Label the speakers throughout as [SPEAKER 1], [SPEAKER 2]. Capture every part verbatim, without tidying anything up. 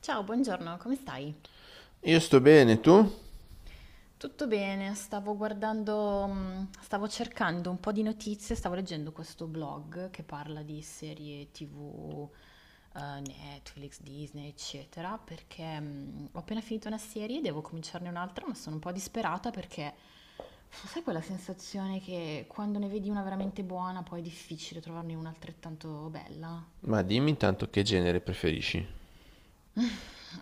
[SPEAKER 1] Ciao, buongiorno, come stai?
[SPEAKER 2] Io sto bene, tu?
[SPEAKER 1] Tutto bene, stavo guardando, mm, stavo cercando un po' di notizie, stavo leggendo questo blog che parla di serie tivù, eh, Netflix, Disney, eccetera, perché mm, ho appena finito una serie, e devo cominciarne un'altra, ma sono un po' disperata perché sai quella sensazione che quando ne vedi una veramente buona, poi è difficile trovarne una altrettanto bella?
[SPEAKER 2] Ma dimmi intanto che genere preferisci.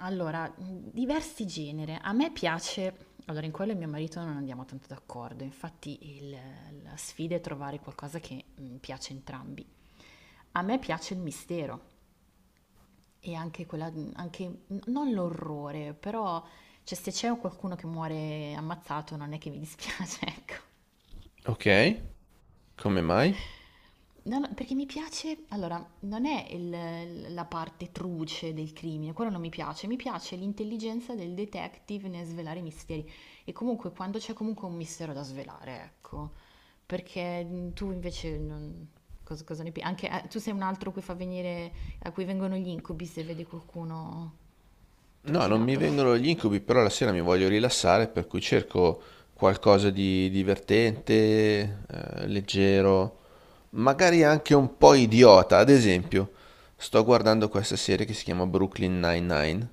[SPEAKER 1] Allora, mhmm, diversi genere. A me piace allora in quello mio marito non andiamo tanto d'accordo, infatti il la sfida è trovare qualcosa che, mhmm, piace a entrambi. A me piace il mistero e anche quella mhmm, anche n non l'orrore, però cioè se c'è qualcuno che muore ammazzato non è che mi dispiace, ecco.
[SPEAKER 2] Ok, come mai?
[SPEAKER 1] No, no, perché mi piace, allora, non è il- la parte truce del crimine, quello non mi piace, mi piace l'intelligenza del detective nel svelare i misteri e comunque quando c'è comunque un mistero da svelare, ecco, perché mh, tu invece non, cosa, cosa ne pensi? Anche eh, tu sei un altro a cui fa venire, a cui vengono gli incubi se vedi qualcuno
[SPEAKER 2] No, non mi
[SPEAKER 1] trucidato.
[SPEAKER 2] vengono gli incubi, però la sera mi voglio rilassare, per cui cerco qualcosa di divertente, eh, leggero, magari anche un po' idiota. Ad esempio, sto guardando questa serie che si chiama Brooklyn Nine-Nine,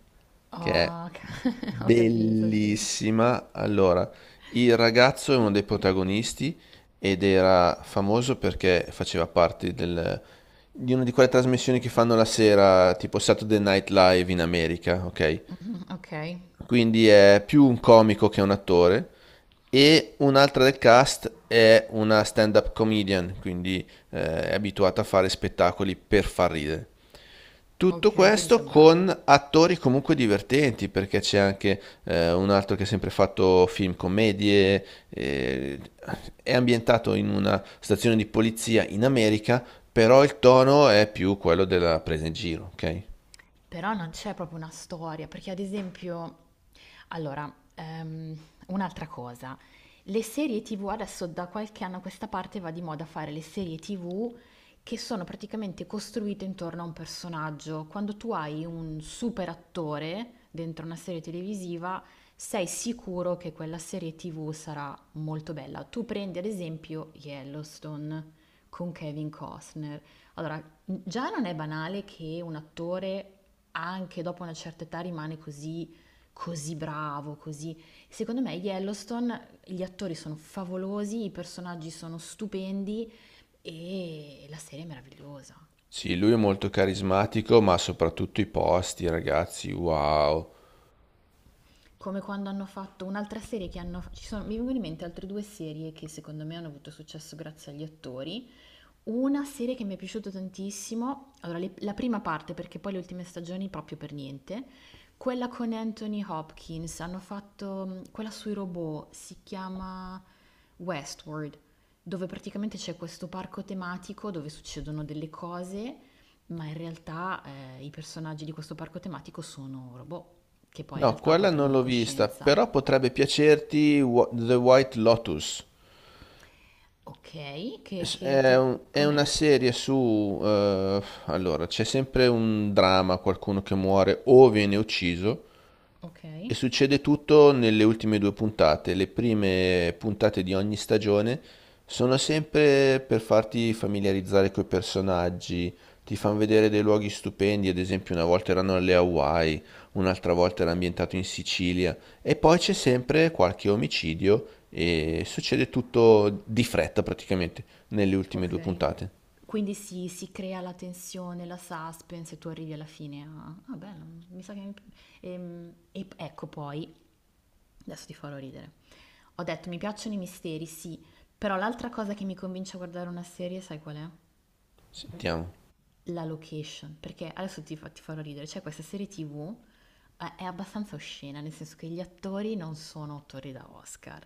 [SPEAKER 2] che è
[SPEAKER 1] Oh, ho capito, sì.
[SPEAKER 2] bellissima. Allora, il ragazzo è uno dei protagonisti ed era famoso perché faceva parte del- di una di quelle trasmissioni che fanno la sera, tipo Saturday Night Live in America, ok?
[SPEAKER 1] Mhm, ok,
[SPEAKER 2] Quindi è più un comico che un attore. E un'altra del cast è una stand-up comedian, quindi eh, è abituata a fare spettacoli per far ridere. Tutto
[SPEAKER 1] ok, quindi
[SPEAKER 2] questo
[SPEAKER 1] sono bravi.
[SPEAKER 2] con attori comunque divertenti, perché c'è anche eh, un altro che ha sempre fatto film commedie, eh, è ambientato in una stazione di polizia in America, però il tono è più quello della presa in giro, ok?
[SPEAKER 1] Però non c'è proprio una storia, perché ad esempio, allora, ehm, un'altra cosa, le serie tivù adesso da qualche anno a questa parte va di moda fare le serie tivù che sono praticamente costruite intorno a un personaggio. Quando tu hai un super attore dentro una serie televisiva, sei sicuro che quella serie tivù sarà molto bella. Tu prendi ad esempio Yellowstone con Kevin Costner. Allora, già non è banale che un attore anche dopo una certa età rimane così, così bravo, così... Secondo me Yellowstone, gli attori sono favolosi, i personaggi sono stupendi e la serie è meravigliosa.
[SPEAKER 2] Sì, lui è molto carismatico, ma soprattutto i posti, ragazzi, wow.
[SPEAKER 1] Come quando hanno fatto un'altra serie che hanno... Ci sono, mi vengono in mente altre due serie che secondo me hanno avuto successo grazie agli attori. Una serie che mi è piaciuta tantissimo, allora le- la prima parte perché poi le ultime stagioni proprio per niente, quella con Anthony Hopkins, hanno fatto mh, quella sui robot, si chiama Westworld, dove praticamente c'è questo parco tematico dove succedono delle cose, ma in realtà eh, i personaggi di questo parco tematico sono robot, che poi in
[SPEAKER 2] No,
[SPEAKER 1] realtà
[SPEAKER 2] quella
[SPEAKER 1] poi
[SPEAKER 2] non
[SPEAKER 1] prendono
[SPEAKER 2] l'ho vista,
[SPEAKER 1] coscienza.
[SPEAKER 2] però potrebbe piacerti Wh- The White Lotus.
[SPEAKER 1] Ok, che,
[SPEAKER 2] S-
[SPEAKER 1] che a
[SPEAKER 2] È,
[SPEAKER 1] te-
[SPEAKER 2] un- è una
[SPEAKER 1] com'è?
[SPEAKER 2] serie su... eh, allora, c'è sempre un dramma, qualcuno che muore o viene ucciso.
[SPEAKER 1] Ok.
[SPEAKER 2] E succede tutto nelle ultime due puntate. Le prime puntate di ogni stagione sono sempre per farti familiarizzare coi personaggi, ti fanno vedere dei luoghi stupendi, ad esempio una volta erano alle Hawaii, un'altra volta era ambientato in Sicilia, e poi c'è sempre qualche omicidio e succede tutto di fretta praticamente nelle ultime due
[SPEAKER 1] Ok.
[SPEAKER 2] puntate.
[SPEAKER 1] Quindi si, si crea la tensione, la suspense e tu arrivi alla fine a... Ah, bello, mi sa che... mi- ehm, e ecco poi, adesso ti farò ridere. Ho detto mi piacciono i misteri, sì, però l'altra cosa che mi convince a guardare una serie, sai qual è?
[SPEAKER 2] Sentiamo.
[SPEAKER 1] La location, perché adesso ti, fa- ti farò ridere, c'è questa serie tivù, eh, è abbastanza oscena, nel senso che gli attori non sono attori da Oscar,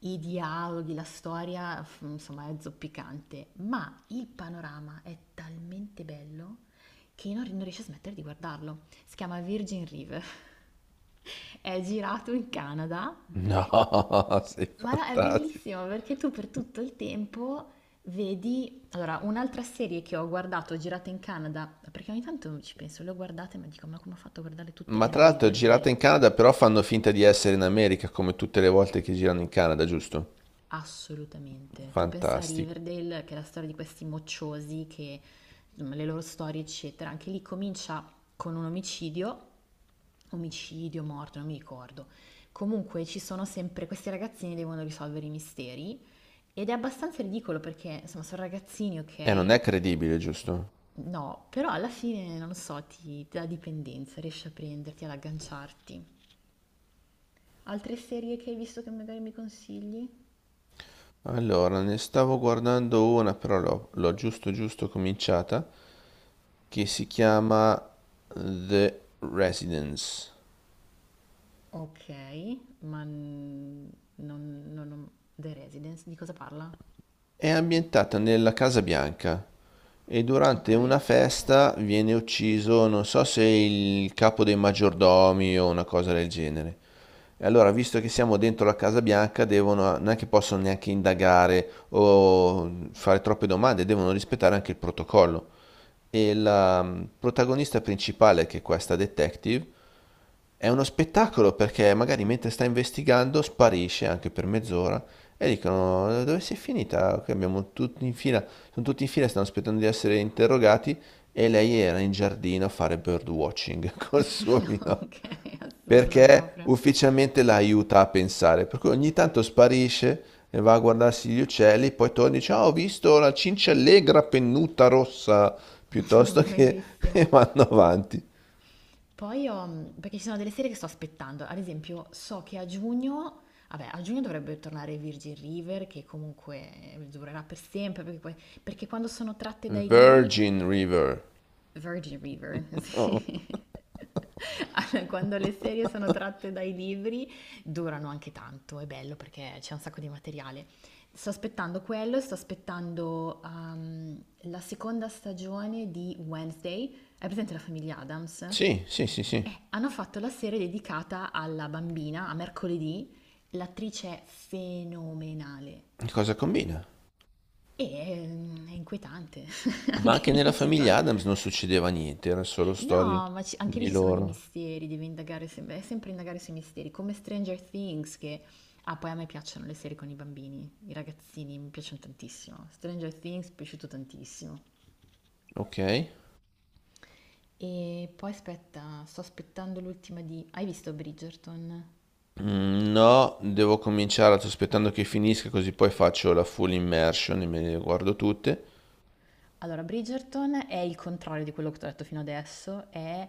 [SPEAKER 1] i dialoghi, la storia, f- insomma, è zoppicante, ma il panorama è talmente bello che io non, non riesco a smettere di guardarlo. Si chiama Virgin River, è girato in Canada
[SPEAKER 2] No, sei
[SPEAKER 1] ma no, è
[SPEAKER 2] fantastico.
[SPEAKER 1] bellissimo perché tu per tutto il tempo vedi... Allora, un'altra serie che ho guardato, girata in Canada, perché ogni tanto ci penso, le ho guardate, ma dico, ma come ho fatto a guardare tutte?
[SPEAKER 2] Ma
[SPEAKER 1] Era
[SPEAKER 2] tra l'altro è girata
[SPEAKER 1] Riverdale,
[SPEAKER 2] in Canada, però fanno finta di essere in America come tutte le volte che girano in Canada, giusto?
[SPEAKER 1] assolutamente. Tu pensa a
[SPEAKER 2] Fantastico.
[SPEAKER 1] Riverdale, che è la storia di questi mocciosi, che, insomma, le loro storie, eccetera. Anche lì comincia con un omicidio, omicidio, morto, non mi ricordo. Comunque ci sono sempre questi ragazzini che devono risolvere i misteri. Ed è abbastanza ridicolo perché, insomma, sono ragazzini,
[SPEAKER 2] E eh, non
[SPEAKER 1] ok?
[SPEAKER 2] è credibile, giusto?
[SPEAKER 1] No, però alla fine, non lo so, ti, ti dà dipendenza, riesci a prenderti, ad agganciarti. Altre serie che hai visto che magari mi consigli?
[SPEAKER 2] Allora, ne stavo guardando una, però l'ho l'ho giusto giusto cominciata, che si chiama The Residence.
[SPEAKER 1] Ok, ma n- non, non, non- The Residence, di cosa parla?
[SPEAKER 2] È ambientata nella Casa Bianca e
[SPEAKER 1] Ok,
[SPEAKER 2] durante una festa viene ucciso, non so se il capo dei maggiordomi o una cosa del genere. E allora, visto che siamo dentro la Casa Bianca, devono, non è che possono neanche indagare o fare troppe domande, devono rispettare anche il protocollo. E la mm, protagonista principale, che è questa detective, è uno spettacolo perché magari mentre sta investigando sparisce anche per mezz'ora e dicono dove sei finita? Qui abbiamo tutti in fila, sono tutti in fila, stanno aspettando di essere interrogati e lei era in giardino a fare birdwatching col suo mino
[SPEAKER 1] ok, assurdo
[SPEAKER 2] perché
[SPEAKER 1] proprio,
[SPEAKER 2] ufficialmente la aiuta a pensare, per cui ogni tanto sparisce e va a guardarsi gli uccelli, poi torna e dice "Ah, ho visto la cinciallegra pennuta rossa piuttosto che" e
[SPEAKER 1] bellissimo.
[SPEAKER 2] vanno avanti.
[SPEAKER 1] Poi ho, mm, perché ci sono delle serie che sto aspettando, ad esempio so che a giugno, vabbè a giugno dovrebbe tornare Virgin River che comunque durerà per sempre, perché, poi- perché quando sono tratte dai libri,
[SPEAKER 2] Virgin River.
[SPEAKER 1] Virgin River,
[SPEAKER 2] Oh. Oh.
[SPEAKER 1] sì. Allora, quando le serie sono tratte dai libri durano anche tanto, è bello perché c'è un sacco di materiale. Sto aspettando quello, sto aspettando ehm, la seconda stagione di Wednesday. Hai presente la famiglia Adams?
[SPEAKER 2] Sì,
[SPEAKER 1] Eh,
[SPEAKER 2] sì, sì, sì.
[SPEAKER 1] hanno fatto la serie dedicata alla bambina, a mercoledì, l'attrice è fenomenale.
[SPEAKER 2] Cosa combina?
[SPEAKER 1] E ehm, è inquietante,
[SPEAKER 2] Ma
[SPEAKER 1] anche
[SPEAKER 2] anche nella
[SPEAKER 1] lì ci
[SPEAKER 2] famiglia
[SPEAKER 1] sono...
[SPEAKER 2] Adams non succedeva niente, erano solo storie
[SPEAKER 1] No, ma ci- anche lì
[SPEAKER 2] di
[SPEAKER 1] ci sono dei
[SPEAKER 2] loro.
[SPEAKER 1] misteri, devi indagare, sem- è sempre indagare sui misteri, come Stranger Things che... Ah, poi a me piacciono le serie con i bambini, i ragazzini, mi piacciono tantissimo. Stranger Things mi è piaciuto tantissimo.
[SPEAKER 2] Ok.
[SPEAKER 1] E poi aspetta, sto aspettando l'ultima di... Hai visto Bridgerton?
[SPEAKER 2] Mm, no, devo cominciare aspettando che finisca così poi faccio la full immersion e me le guardo tutte.
[SPEAKER 1] Allora, Bridgerton è il contrario di quello che ti ho detto fino adesso, è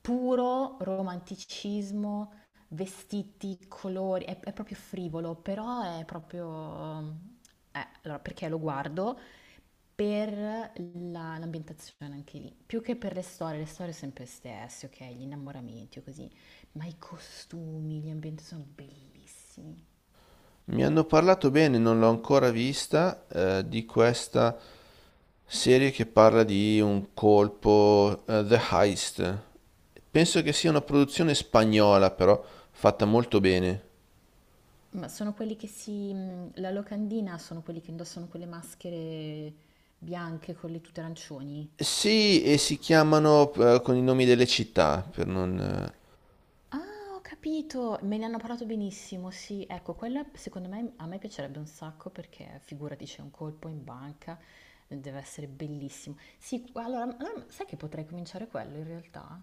[SPEAKER 1] puro romanticismo, vestiti, colori, è, è proprio frivolo, però è proprio... eh, allora, perché lo guardo? Per la- l'ambientazione anche lì, più che per le storie, le storie sempre stesse, ok? Gli innamoramenti o così, ma i costumi, gli ambienti sono bellissimi.
[SPEAKER 2] Mi hanno parlato bene, non l'ho ancora vista, eh, di questa serie che parla di un colpo, eh, The Heist. Penso che sia una produzione spagnola, però fatta molto bene.
[SPEAKER 1] Ma sono quelli che si... mh, La locandina sono quelli che indossano quelle maschere bianche con le tute arancioni.
[SPEAKER 2] Sì, e si chiamano eh, con i nomi delle città, per non... eh,
[SPEAKER 1] Ah, ho capito! Me ne hanno parlato benissimo, sì. Ecco, quella secondo me a me piacerebbe un sacco perché figurati c'è un colpo in banca, deve essere bellissimo. Sì, allora, allora, sai che potrei cominciare quello in realtà?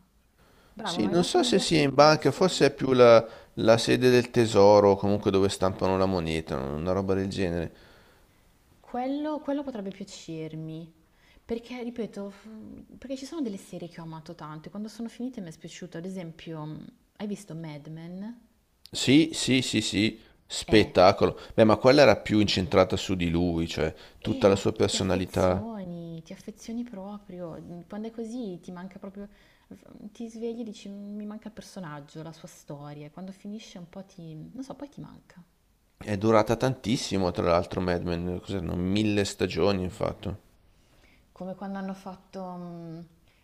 [SPEAKER 1] Bravo, mi
[SPEAKER 2] Sì,
[SPEAKER 1] hai
[SPEAKER 2] non
[SPEAKER 1] dato
[SPEAKER 2] so se
[SPEAKER 1] un'idea
[SPEAKER 2] sia in banca,
[SPEAKER 1] fantastica.
[SPEAKER 2] forse è più la, la sede del tesoro, o comunque dove stampano la moneta, una roba del genere.
[SPEAKER 1] Quello, quello potrebbe piacermi, perché, ripeto, f- perché ci sono delle serie che ho amato tanto e quando sono finite mi è spiaciuto. Ad esempio, mh, hai visto Mad Men?
[SPEAKER 2] Sì, sì, sì, sì,
[SPEAKER 1] Eh,
[SPEAKER 2] spettacolo. Beh, ma quella era più incentrata su di lui, cioè
[SPEAKER 1] eh,
[SPEAKER 2] tutta la
[SPEAKER 1] ma
[SPEAKER 2] sua
[SPEAKER 1] ti
[SPEAKER 2] personalità.
[SPEAKER 1] affezioni, ti affezioni proprio. Mm, Quando è così ti manca proprio, ti svegli e dici "Mm, mi manca il personaggio, la sua storia. E quando finisce un po' ti, non so, poi ti manca.
[SPEAKER 2] È durata tantissimo, tra l'altro, Mad Men, cos'erano? Mille stagioni, infatti.
[SPEAKER 1] Come quando hanno fatto... mm,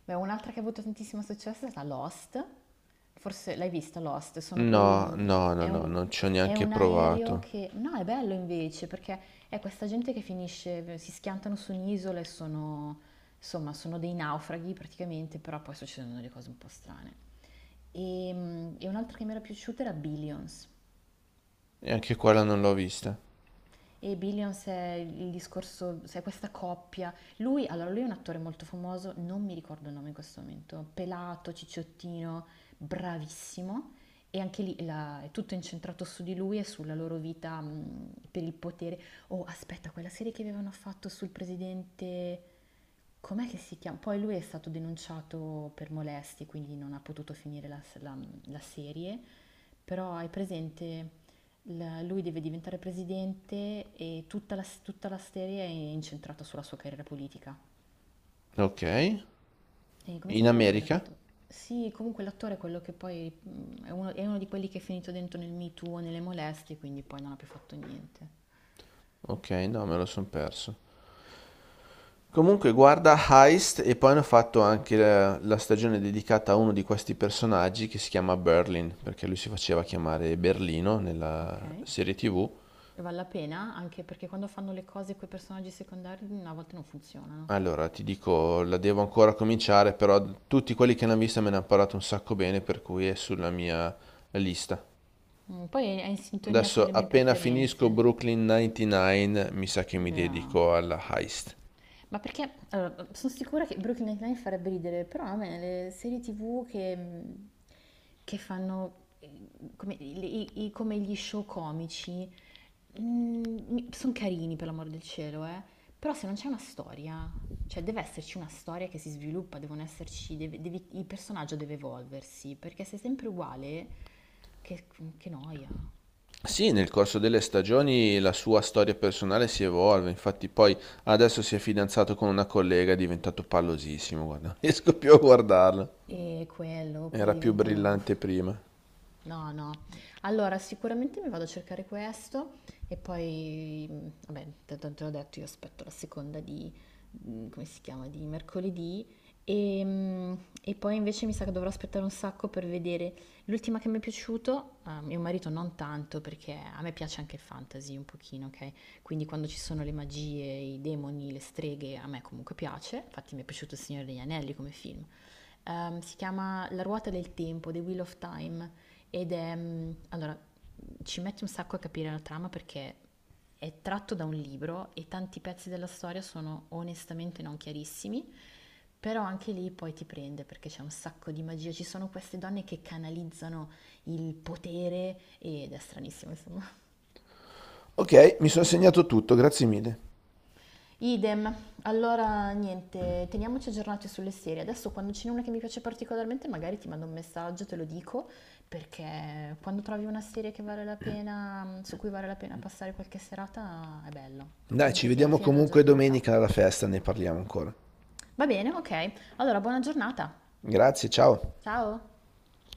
[SPEAKER 1] beh, un'altra che ha avuto tantissimo successo è stata Lost, forse l'hai vista Lost, sono quei...
[SPEAKER 2] No,
[SPEAKER 1] mm,
[SPEAKER 2] no, no,
[SPEAKER 1] È
[SPEAKER 2] no,
[SPEAKER 1] un,
[SPEAKER 2] non ci ho
[SPEAKER 1] è
[SPEAKER 2] neanche
[SPEAKER 1] un aereo
[SPEAKER 2] provato.
[SPEAKER 1] che... No, è bello invece, perché è questa gente che finisce, si schiantano su un'isola e sono... Insomma, sono dei naufraghi praticamente, però poi succedono delle cose un po' strane. E, mm, e un'altra che mi era piaciuta era Billions.
[SPEAKER 2] E anche quella non l'ho vista.
[SPEAKER 1] E Billions è il discorso, sai, questa coppia. Lui, allora, lui è un attore molto famoso, non mi ricordo il nome in questo momento, pelato, cicciottino, bravissimo. E anche lì la- è tutto incentrato su di lui e sulla loro vita mh, per il potere. Oh, aspetta, quella serie che avevano fatto sul presidente, com'è che si chiama? Poi lui è stato denunciato per molestie, quindi non ha potuto finire la, la- la serie, però hai presente, la- lui deve diventare presidente e tutta la, tutta la serie è incentrata sulla sua carriera politica.
[SPEAKER 2] Ok.
[SPEAKER 1] E come
[SPEAKER 2] In
[SPEAKER 1] si chiama
[SPEAKER 2] America?
[SPEAKER 1] quell'attore? Sì, comunque l'attore è quello che poi mm, è uno, è uno di quelli che è finito dentro nel Me Too, o nelle molestie, quindi poi non ha più fatto niente.
[SPEAKER 2] Ok, no, me lo son perso. Comunque guarda Heist e poi hanno fatto anche la, la stagione dedicata a uno di questi personaggi che si chiama Berlin, perché lui si faceva chiamare Berlino
[SPEAKER 1] Ok?
[SPEAKER 2] nella serie T V.
[SPEAKER 1] E vale la pena anche perché quando fanno le cose con i personaggi secondari mm, a volte non funzionano.
[SPEAKER 2] Allora, ti dico, la devo ancora cominciare, però tutti quelli che l'hanno vista me ne hanno parlato un sacco bene, per cui è sulla mia lista.
[SPEAKER 1] Mm, Poi è in sintonia con
[SPEAKER 2] Adesso
[SPEAKER 1] le mie
[SPEAKER 2] appena finisco
[SPEAKER 1] preferenze.
[SPEAKER 2] Brooklyn novantanove, mi sa che mi
[SPEAKER 1] Yeah.
[SPEAKER 2] dedico alla Heist.
[SPEAKER 1] Ma perché allora, sono sicura che Brooklyn Nine-Nine farebbe ridere, però a me le serie tivù che, mm, che fanno eh, come, i- i- i- come gli show comici. Mm, sono carini per l'amor del cielo, eh. Però se non c'è una storia, cioè deve esserci una storia che si sviluppa, devono esserci, deve- devi- il personaggio deve evolversi, perché se è sempre uguale, che, che noia.
[SPEAKER 2] Sì, nel corso delle stagioni la sua storia personale si evolve, infatti poi adesso si è fidanzato con una collega, è diventato pallosissimo, guarda, non riesco più a guardarlo.
[SPEAKER 1] E quello, poi
[SPEAKER 2] Era più
[SPEAKER 1] diventano.
[SPEAKER 2] brillante prima.
[SPEAKER 1] No, no. Allora, sicuramente mi vado a cercare questo e poi, mh, vabbè, te, te te l'ho detto, io aspetto la seconda di, mh, come si chiama, di mercoledì e, mh, e poi invece mi sa che dovrò aspettare un sacco per vedere l'ultima che mi è piaciuto, a mio marito non tanto perché a me piace anche il fantasy un pochino, ok? Quindi quando ci sono le magie, i demoni, le streghe, a me comunque piace, infatti mi è piaciuto Il Signore degli Anelli come film. Ehm, si chiama La ruota del tempo, The Wheel of Time, ed è... mm, Allora, ci mette un sacco a capire la trama perché è tratto da un libro e tanti pezzi della storia sono onestamente non chiarissimi, però anche lì poi ti prende perché c'è un sacco di magia. Ci sono queste donne che canalizzano il potere ed è stranissimo, insomma.
[SPEAKER 2] Ok, mi sono segnato tutto, grazie mille.
[SPEAKER 1] Idem, allora niente, teniamoci aggiornati sulle serie. Adesso quando ce n'è una che mi piace particolarmente, magari ti mando un messaggio, te lo dico, perché quando trovi una serie che vale la pena, su cui vale la pena passare qualche serata, è bello. Cioè,
[SPEAKER 2] Dai, ci
[SPEAKER 1] comunque ti alla
[SPEAKER 2] vediamo
[SPEAKER 1] fine della
[SPEAKER 2] comunque
[SPEAKER 1] giornata.
[SPEAKER 2] domenica alla festa, ne parliamo ancora.
[SPEAKER 1] Va bene, ok. Allora, buona giornata.
[SPEAKER 2] Grazie, ciao.
[SPEAKER 1] Ciao.